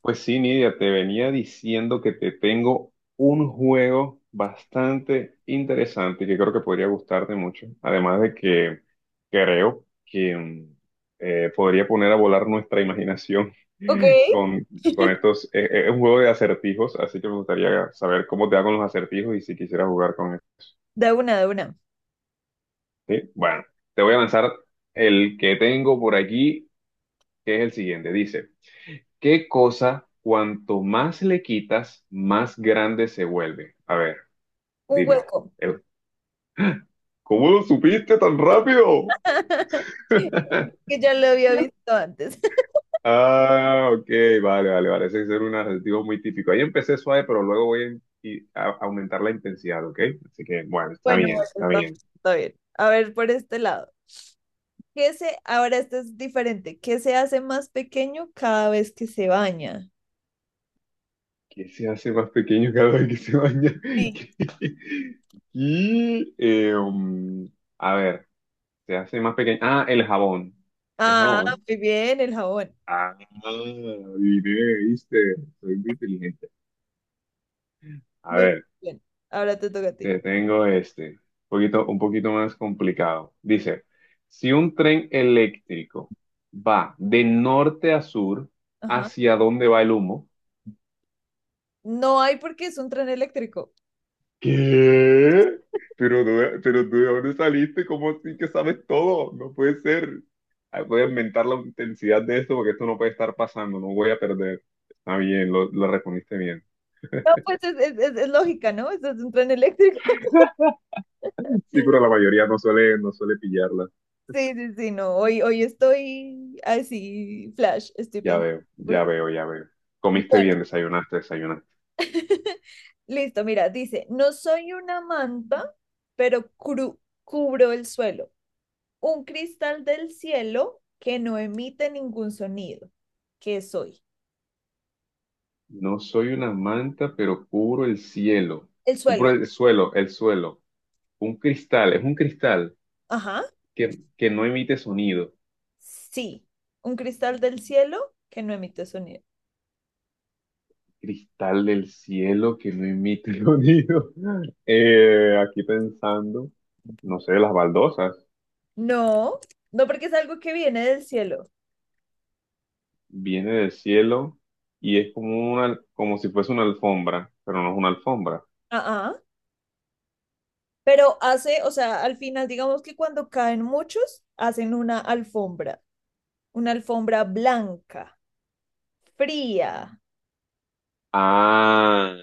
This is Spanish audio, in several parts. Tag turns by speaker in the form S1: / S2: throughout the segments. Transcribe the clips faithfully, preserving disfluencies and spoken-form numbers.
S1: Pues sí, Nidia, te venía diciendo que te tengo un juego bastante interesante que creo que podría gustarte mucho. Además de que creo que mm, eh, podría poner a volar nuestra imaginación.
S2: Ok.
S1: con, con estos... eh, eh, es un juego de acertijos, así que me gustaría saber cómo te hago los acertijos y si quisieras jugar con él.
S2: da una, da una.
S1: ¿Sí? Bueno, te voy a lanzar el que tengo por aquí, que es el siguiente. Dice: ¿Qué cosa, cuanto más le quitas, más grande se vuelve? A ver,
S2: Un
S1: dime.
S2: hueco,
S1: El- ¿Cómo lo supiste tan rápido?
S2: que ya lo había visto antes.
S1: Ah, ok, vale, vale, vale. Ese es un adjetivo muy típico. Ahí empecé suave, pero luego voy a, in- y- a- a aumentar la intensidad, ¿ok? Así que, bueno, está
S2: Bueno, bueno,
S1: bien, está
S2: está,
S1: bien.
S2: está bien. A ver, por este lado. ¿Qué se, ahora esto es diferente. ¿Qué se hace más pequeño cada vez que se baña?
S1: ¿Qué se hace más pequeño cada vez que se baña?
S2: Sí.
S1: Y, eh, um, a ver, se hace más pequeño. Ah, el jabón. El
S2: Ah,
S1: jabón.
S2: muy bien, el jabón.
S1: Ah, diré, viste, soy muy inteligente. A
S2: Muy
S1: ver,
S2: bien. Ahora te toca a ti.
S1: te tengo este, un poquito, un poquito más complicado. Dice, si un tren eléctrico va de norte a sur,
S2: Ajá.
S1: ¿hacia dónde va el humo?
S2: No hay porque es un tren eléctrico.
S1: ¿Qué? Pero, no- pero tú, ¿de dónde saliste? ¿Cómo así que sabes todo? No puede ser. Ay, voy a inventar la intensidad de esto porque esto no puede estar pasando, no voy a perder. Está bien, lo, lo respondiste bien.
S2: No, pues es, es- es- es lógica, ¿no? Eso es un tren eléctrico.
S1: Sí, pero la mayoría no suele, no suele pillarla.
S2: Sí, sí, sí, no, hoy, hoy estoy así, flash, estoy
S1: Ya
S2: pensando
S1: veo,
S2: por
S1: ya
S2: flash.
S1: veo, ya veo. Comiste
S2: Bueno,
S1: bien, desayunaste, desayunaste.
S2: listo, mira, dice, no soy una manta, pero cru- cubro el suelo, un cristal del cielo que no emite ningún sonido, ¿qué soy?
S1: No soy una manta, pero cubro el cielo.
S2: El suelo,
S1: Cubro
S2: el-
S1: el suelo, el suelo. Un cristal, es un cristal
S2: ajá,
S1: que, que no emite sonido.
S2: sí, un cristal del cielo que no emite sonido.
S1: Cristal del cielo que no emite sonido. Eh, aquí pensando, no sé, las baldosas.
S2: No, no porque es algo que viene del cielo.
S1: Viene del cielo y es como una, como si fuese una alfombra, pero no es una alfombra.
S2: Ah, ah. Pero hace, o sea, al final, digamos que cuando caen muchos, hacen una alfombra, una alfombra blanca, fría.
S1: Ah,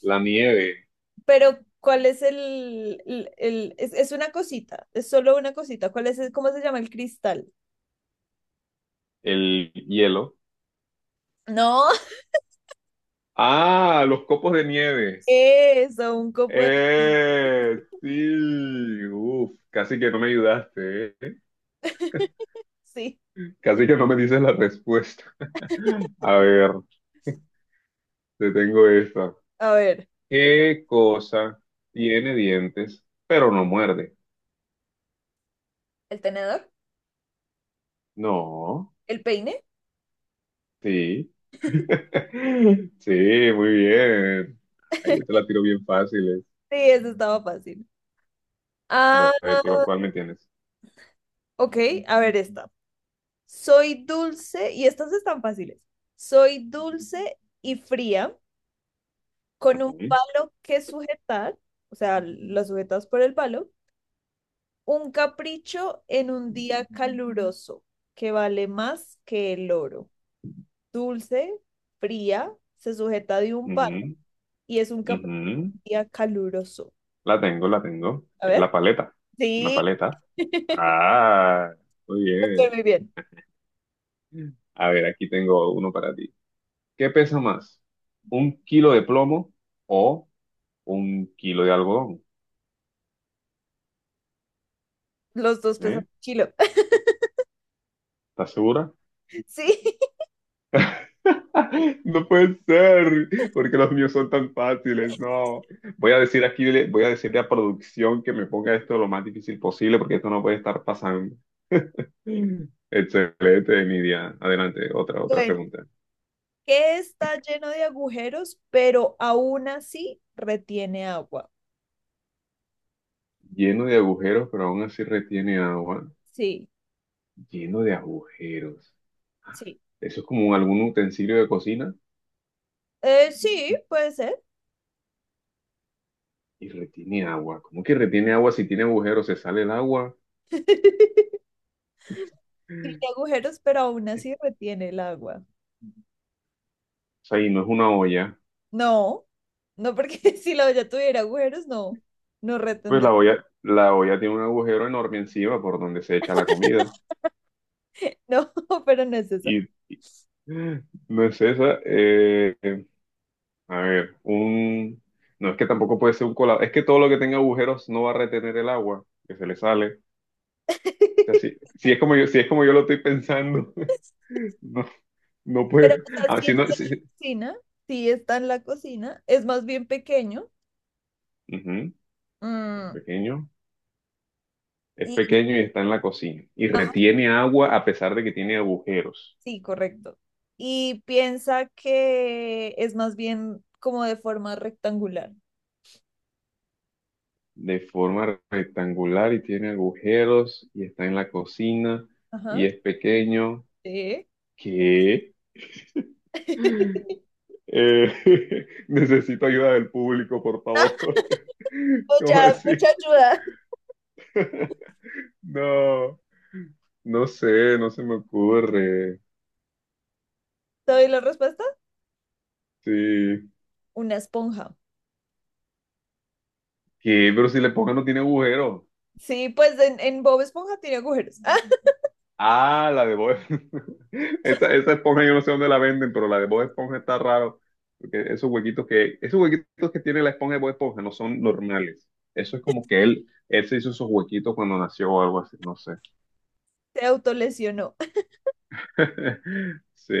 S1: la nieve,
S2: Pero, ¿cuál es el, el, el- es, es una cosita, es solo una cosita. ¿Cuál es, el- ¿cómo se llama el cristal?
S1: el hielo.
S2: No,
S1: Ah, los copos de nieve.
S2: eso, un copo de...
S1: Eh, sí. Uf, casi que no me ayudaste, ¿eh?
S2: Sí,
S1: Casi que no me dices la respuesta. A ver, te tengo esta.
S2: a ver,
S1: ¿Qué cosa tiene dientes, pero no muerde?
S2: el tenedor,
S1: No,
S2: el peine.
S1: sí. Sí, muy bien. Ahí yo te la tiro bien fácil. eh.
S2: Sí, eso estaba fácil.
S1: A
S2: Ah,
S1: ver, ¿qué- ¿cuál me tienes?
S2: ok, a ver esta. Soy dulce, y estas están fáciles. Soy dulce y fría, con un
S1: Ujú,
S2: palo que sujetar, o sea, lo sujetas por el palo, un capricho en un día caluroso que vale más que el oro. Dulce, fría, se sujeta de un palo
S1: ujú,
S2: y es un capricho
S1: ujú.
S2: en un día caluroso.
S1: La tengo, la tengo.
S2: A
S1: Es
S2: ver,
S1: la paleta. Una
S2: sí,
S1: paleta. Ah, muy
S2: estoy
S1: bien.
S2: muy bien.
S1: A ver, aquí tengo uno para ti. ¿Qué pesa más? ¿Un kilo de plomo o un kilo de algodón?
S2: Los dos pesan
S1: ¿Eh?
S2: un kilo.
S1: ¿Estás segura?
S2: Sí,
S1: No puede ser, porque los míos son tan fáciles. No, voy a decir aquí, voy a decirle a producción que me ponga esto lo más difícil posible, porque esto no puede estar pasando. Excelente, Nidia. Adelante, otra, otra
S2: bueno,
S1: pregunta.
S2: que está lleno de agujeros, pero aún así retiene agua.
S1: Lleno de agujeros, pero aún así retiene agua.
S2: Sí,
S1: Lleno de agujeros.
S2: sí.
S1: Eso es como algún utensilio de cocina
S2: Eh, sí, puede ser.
S1: y retiene agua. ¿Cómo que retiene agua si tiene agujeros? Se sale el agua. O
S2: Tiene agujeros, pero aún así retiene el agua.
S1: sea, y no es una olla.
S2: No, no porque si la olla tuviera agujeros, no, no
S1: Pues
S2: retendría.
S1: la olla, la olla tiene un agujero enorme encima por donde se echa la comida.
S2: No, pero no es esa.
S1: Y no es esa. Eh, a ver, un... no es que tampoco puede ser un colado. Es que todo lo que tenga agujeros no va a retener el agua que se le sale. O sea, si, si es como yo, si es como yo lo estoy pensando, no, no
S2: Pero
S1: puede.
S2: o sea,
S1: Ah,
S2: sí
S1: si no,
S2: está en la
S1: si- si,
S2: cocina, sí está en la cocina, es más bien pequeño.
S1: ujú, es
S2: Mm,
S1: pequeño. Es
S2: y
S1: pequeño y está en la cocina. Y retiene agua a pesar de que tiene agujeros.
S2: sí, correcto. Y piensa que es más bien como de forma rectangular.
S1: De forma rectangular y tiene agujeros y está en la cocina
S2: Ajá.
S1: y es pequeño.
S2: Sí.
S1: ¿Qué? Eh, necesito ayuda del público, por favor.
S2: Mucha,
S1: ¿Cómo así?
S2: mucha ayuda.
S1: No, no sé, no se me ocurre.
S2: ¿Te doy la respuesta?
S1: Sí.
S2: Una esponja.
S1: ¿Qué? Pero si le pongo no tiene agujero.
S2: Sí, pues en, en Bob Esponja tiene agujeros. ¡Ah!
S1: Ah, la de Bob. Esa, esa esponja yo no sé dónde la venden, pero la de Bob Esponja está raro. Porque esos huequitos que, esos huequitos que tiene la esponja de Bob Esponja no son normales. Eso es como que él, él se hizo esos huequitos cuando nació o algo así, no sé.
S2: Se autolesionó.
S1: Sí.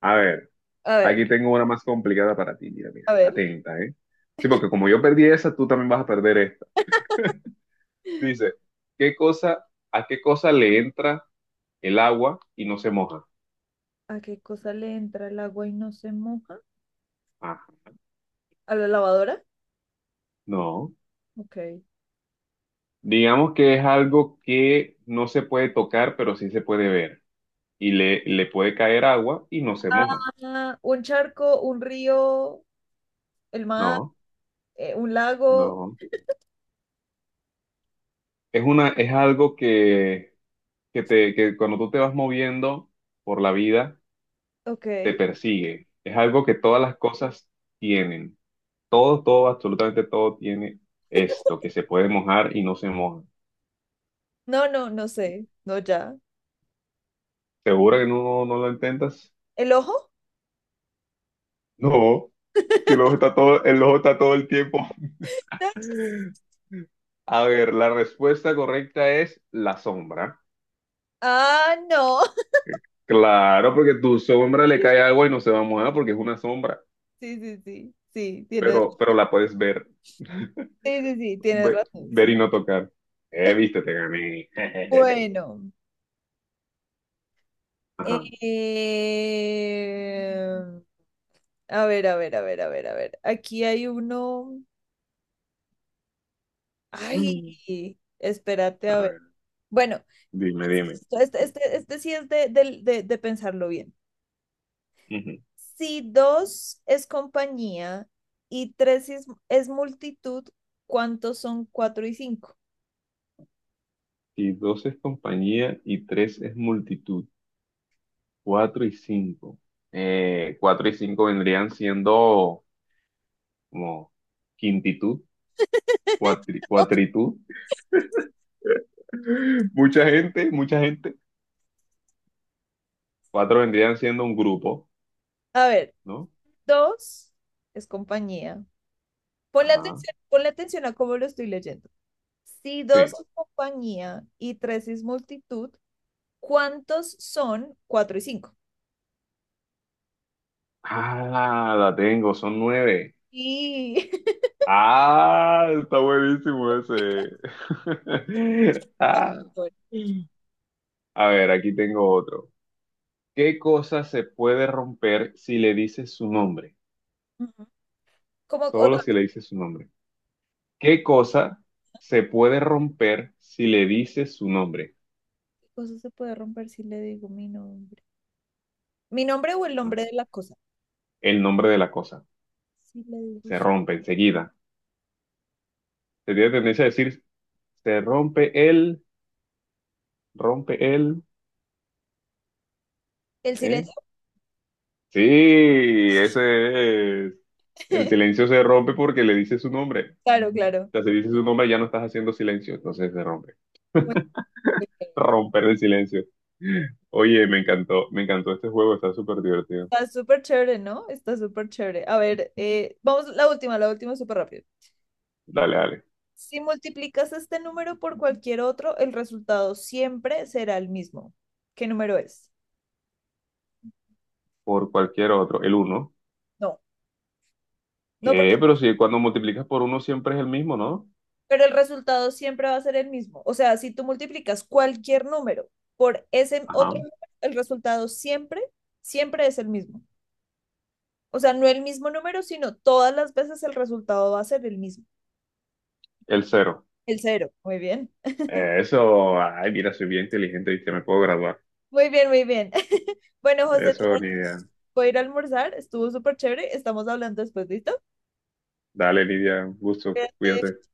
S1: A ver,
S2: A ver,
S1: aquí tengo una más complicada para ti. Mira, mira,
S2: a ver.
S1: atenta, ¿eh? Sí, porque como yo perdí esa, tú también vas a perder esta. Dice, ¿qué cosa, ¿a qué cosa le entra el agua y no se moja?
S2: ¿A qué cosa le entra el agua y no se moja?
S1: Ah,
S2: ¿A la lavadora?
S1: no.
S2: Ok.
S1: Digamos que es algo que no se puede tocar, pero sí se puede ver. Y le, le puede caer agua y no se moja.
S2: Ah, un charco, un río, el mar,
S1: No,
S2: eh, un lago.
S1: no. Es una, es algo que, que te, que cuando tú te vas moviendo por la vida,
S2: Ok.
S1: te persigue. Es algo que todas las cosas tienen. Todo, todo, absolutamente todo tiene esto, que se puede mojar y no se moja.
S2: No, no, no sé. No, ya.
S1: ¿Segura que no, no lo intentas?
S2: ¿El ojo?
S1: No, si el ojo está todo, el ojo está todo el tiempo.
S2: No, no.
S1: A ver, la respuesta correcta es la sombra.
S2: Ah, no.
S1: Claro, porque tu sombra le cae agua y no se va a mojar porque es una sombra,
S2: Sí, sí, sí. Sí, tienes,
S1: pero, pero la puedes ver,
S2: sí, sí, sí, tienes
S1: ve-
S2: razón.
S1: ver,
S2: Sí.
S1: y no tocar. Eh, viste, te gané.
S2: Bueno.
S1: Ajá.
S2: Eh, a ver, a ver, a ver, a ver, a ver. Aquí hay uno. Ay, espérate a
S1: A
S2: ver.
S1: ver,
S2: Bueno,
S1: dime, dime.
S2: este, este, este sí es de, del- de- de pensarlo bien.
S1: Ujú.
S2: Si dos es compañía y tres es, es multitud, ¿cuántos son cuatro y cinco?
S1: Si dos es compañía y tres es multitud, cuatro y cinco. Eh, cuatro y cinco vendrían siendo como quintitud, cuatri- cuatritud. Mucha gente, mucha gente. Cuatro vendrían siendo un grupo,
S2: A ver,
S1: ¿no?
S2: dos es compañía. Ponle
S1: Ajá,
S2: atención, ponle atención a cómo lo estoy leyendo. Si dos
S1: sí.
S2: es compañía y tres es multitud, ¿cuántos son cuatro y cinco?
S1: Ah, la tengo, son nueve.
S2: Y...
S1: Ah, está buenísimo ese. Ah. A ver, aquí tengo otro. ¿Qué cosa se puede romper si le dices su nombre?
S2: Ujú. Como
S1: Solo
S2: otra
S1: si le dices su nombre. ¿Qué cosa se puede romper si le dices su nombre?
S2: cosa se puede romper si le digo mi nombre. Mi nombre o el
S1: Ajá.
S2: nombre de la cosa.
S1: El nombre de la cosa.
S2: Si le digo
S1: Se
S2: su-
S1: rompe enseguida. Se tiene tendencia a decir, se rompe él, rompe él.
S2: el
S1: ¿Eh?
S2: silencio.
S1: Sí, ese es. El silencio se rompe porque le dice su nombre.
S2: Claro,
S1: O
S2: claro.
S1: sea, si dices su nombre ya no estás haciendo silencio, entonces se rompe.
S2: Muy bien.
S1: Romper el silencio. Oye, me encantó, me encantó este juego, está súper divertido.
S2: Está súper chévere, ¿no? Está súper chévere. A ver, eh, vamos, la última, la última súper rápido.
S1: Dale, dale.
S2: Si multiplicas este número por cualquier otro, el resultado siempre será el mismo. ¿Qué número es?
S1: Por cualquier otro. El uno.
S2: No, no, porque
S1: ¿Qué? Pero si cuando multiplicas por uno siempre es el mismo, ¿no?
S2: pero el resultado siempre va a ser el mismo. O sea, si tú multiplicas cualquier número por ese
S1: Ajá.
S2: otro número, el resultado siempre, siempre es el mismo. O sea, no el mismo número, sino todas las veces el resultado va a ser el mismo,
S1: El cero.
S2: el cero. Muy bien,
S1: Eh, Eso, ay, mira, soy bien inteligente y te me puedo graduar.
S2: muy bien, muy bien. Bueno, José, te
S1: Eso, Nidia.
S2: voy a ir a almorzar, estuvo súper chévere, estamos hablando después, ¿listo?
S1: Dale, Nidia, un gusto,
S2: Cuídate.
S1: cuídate.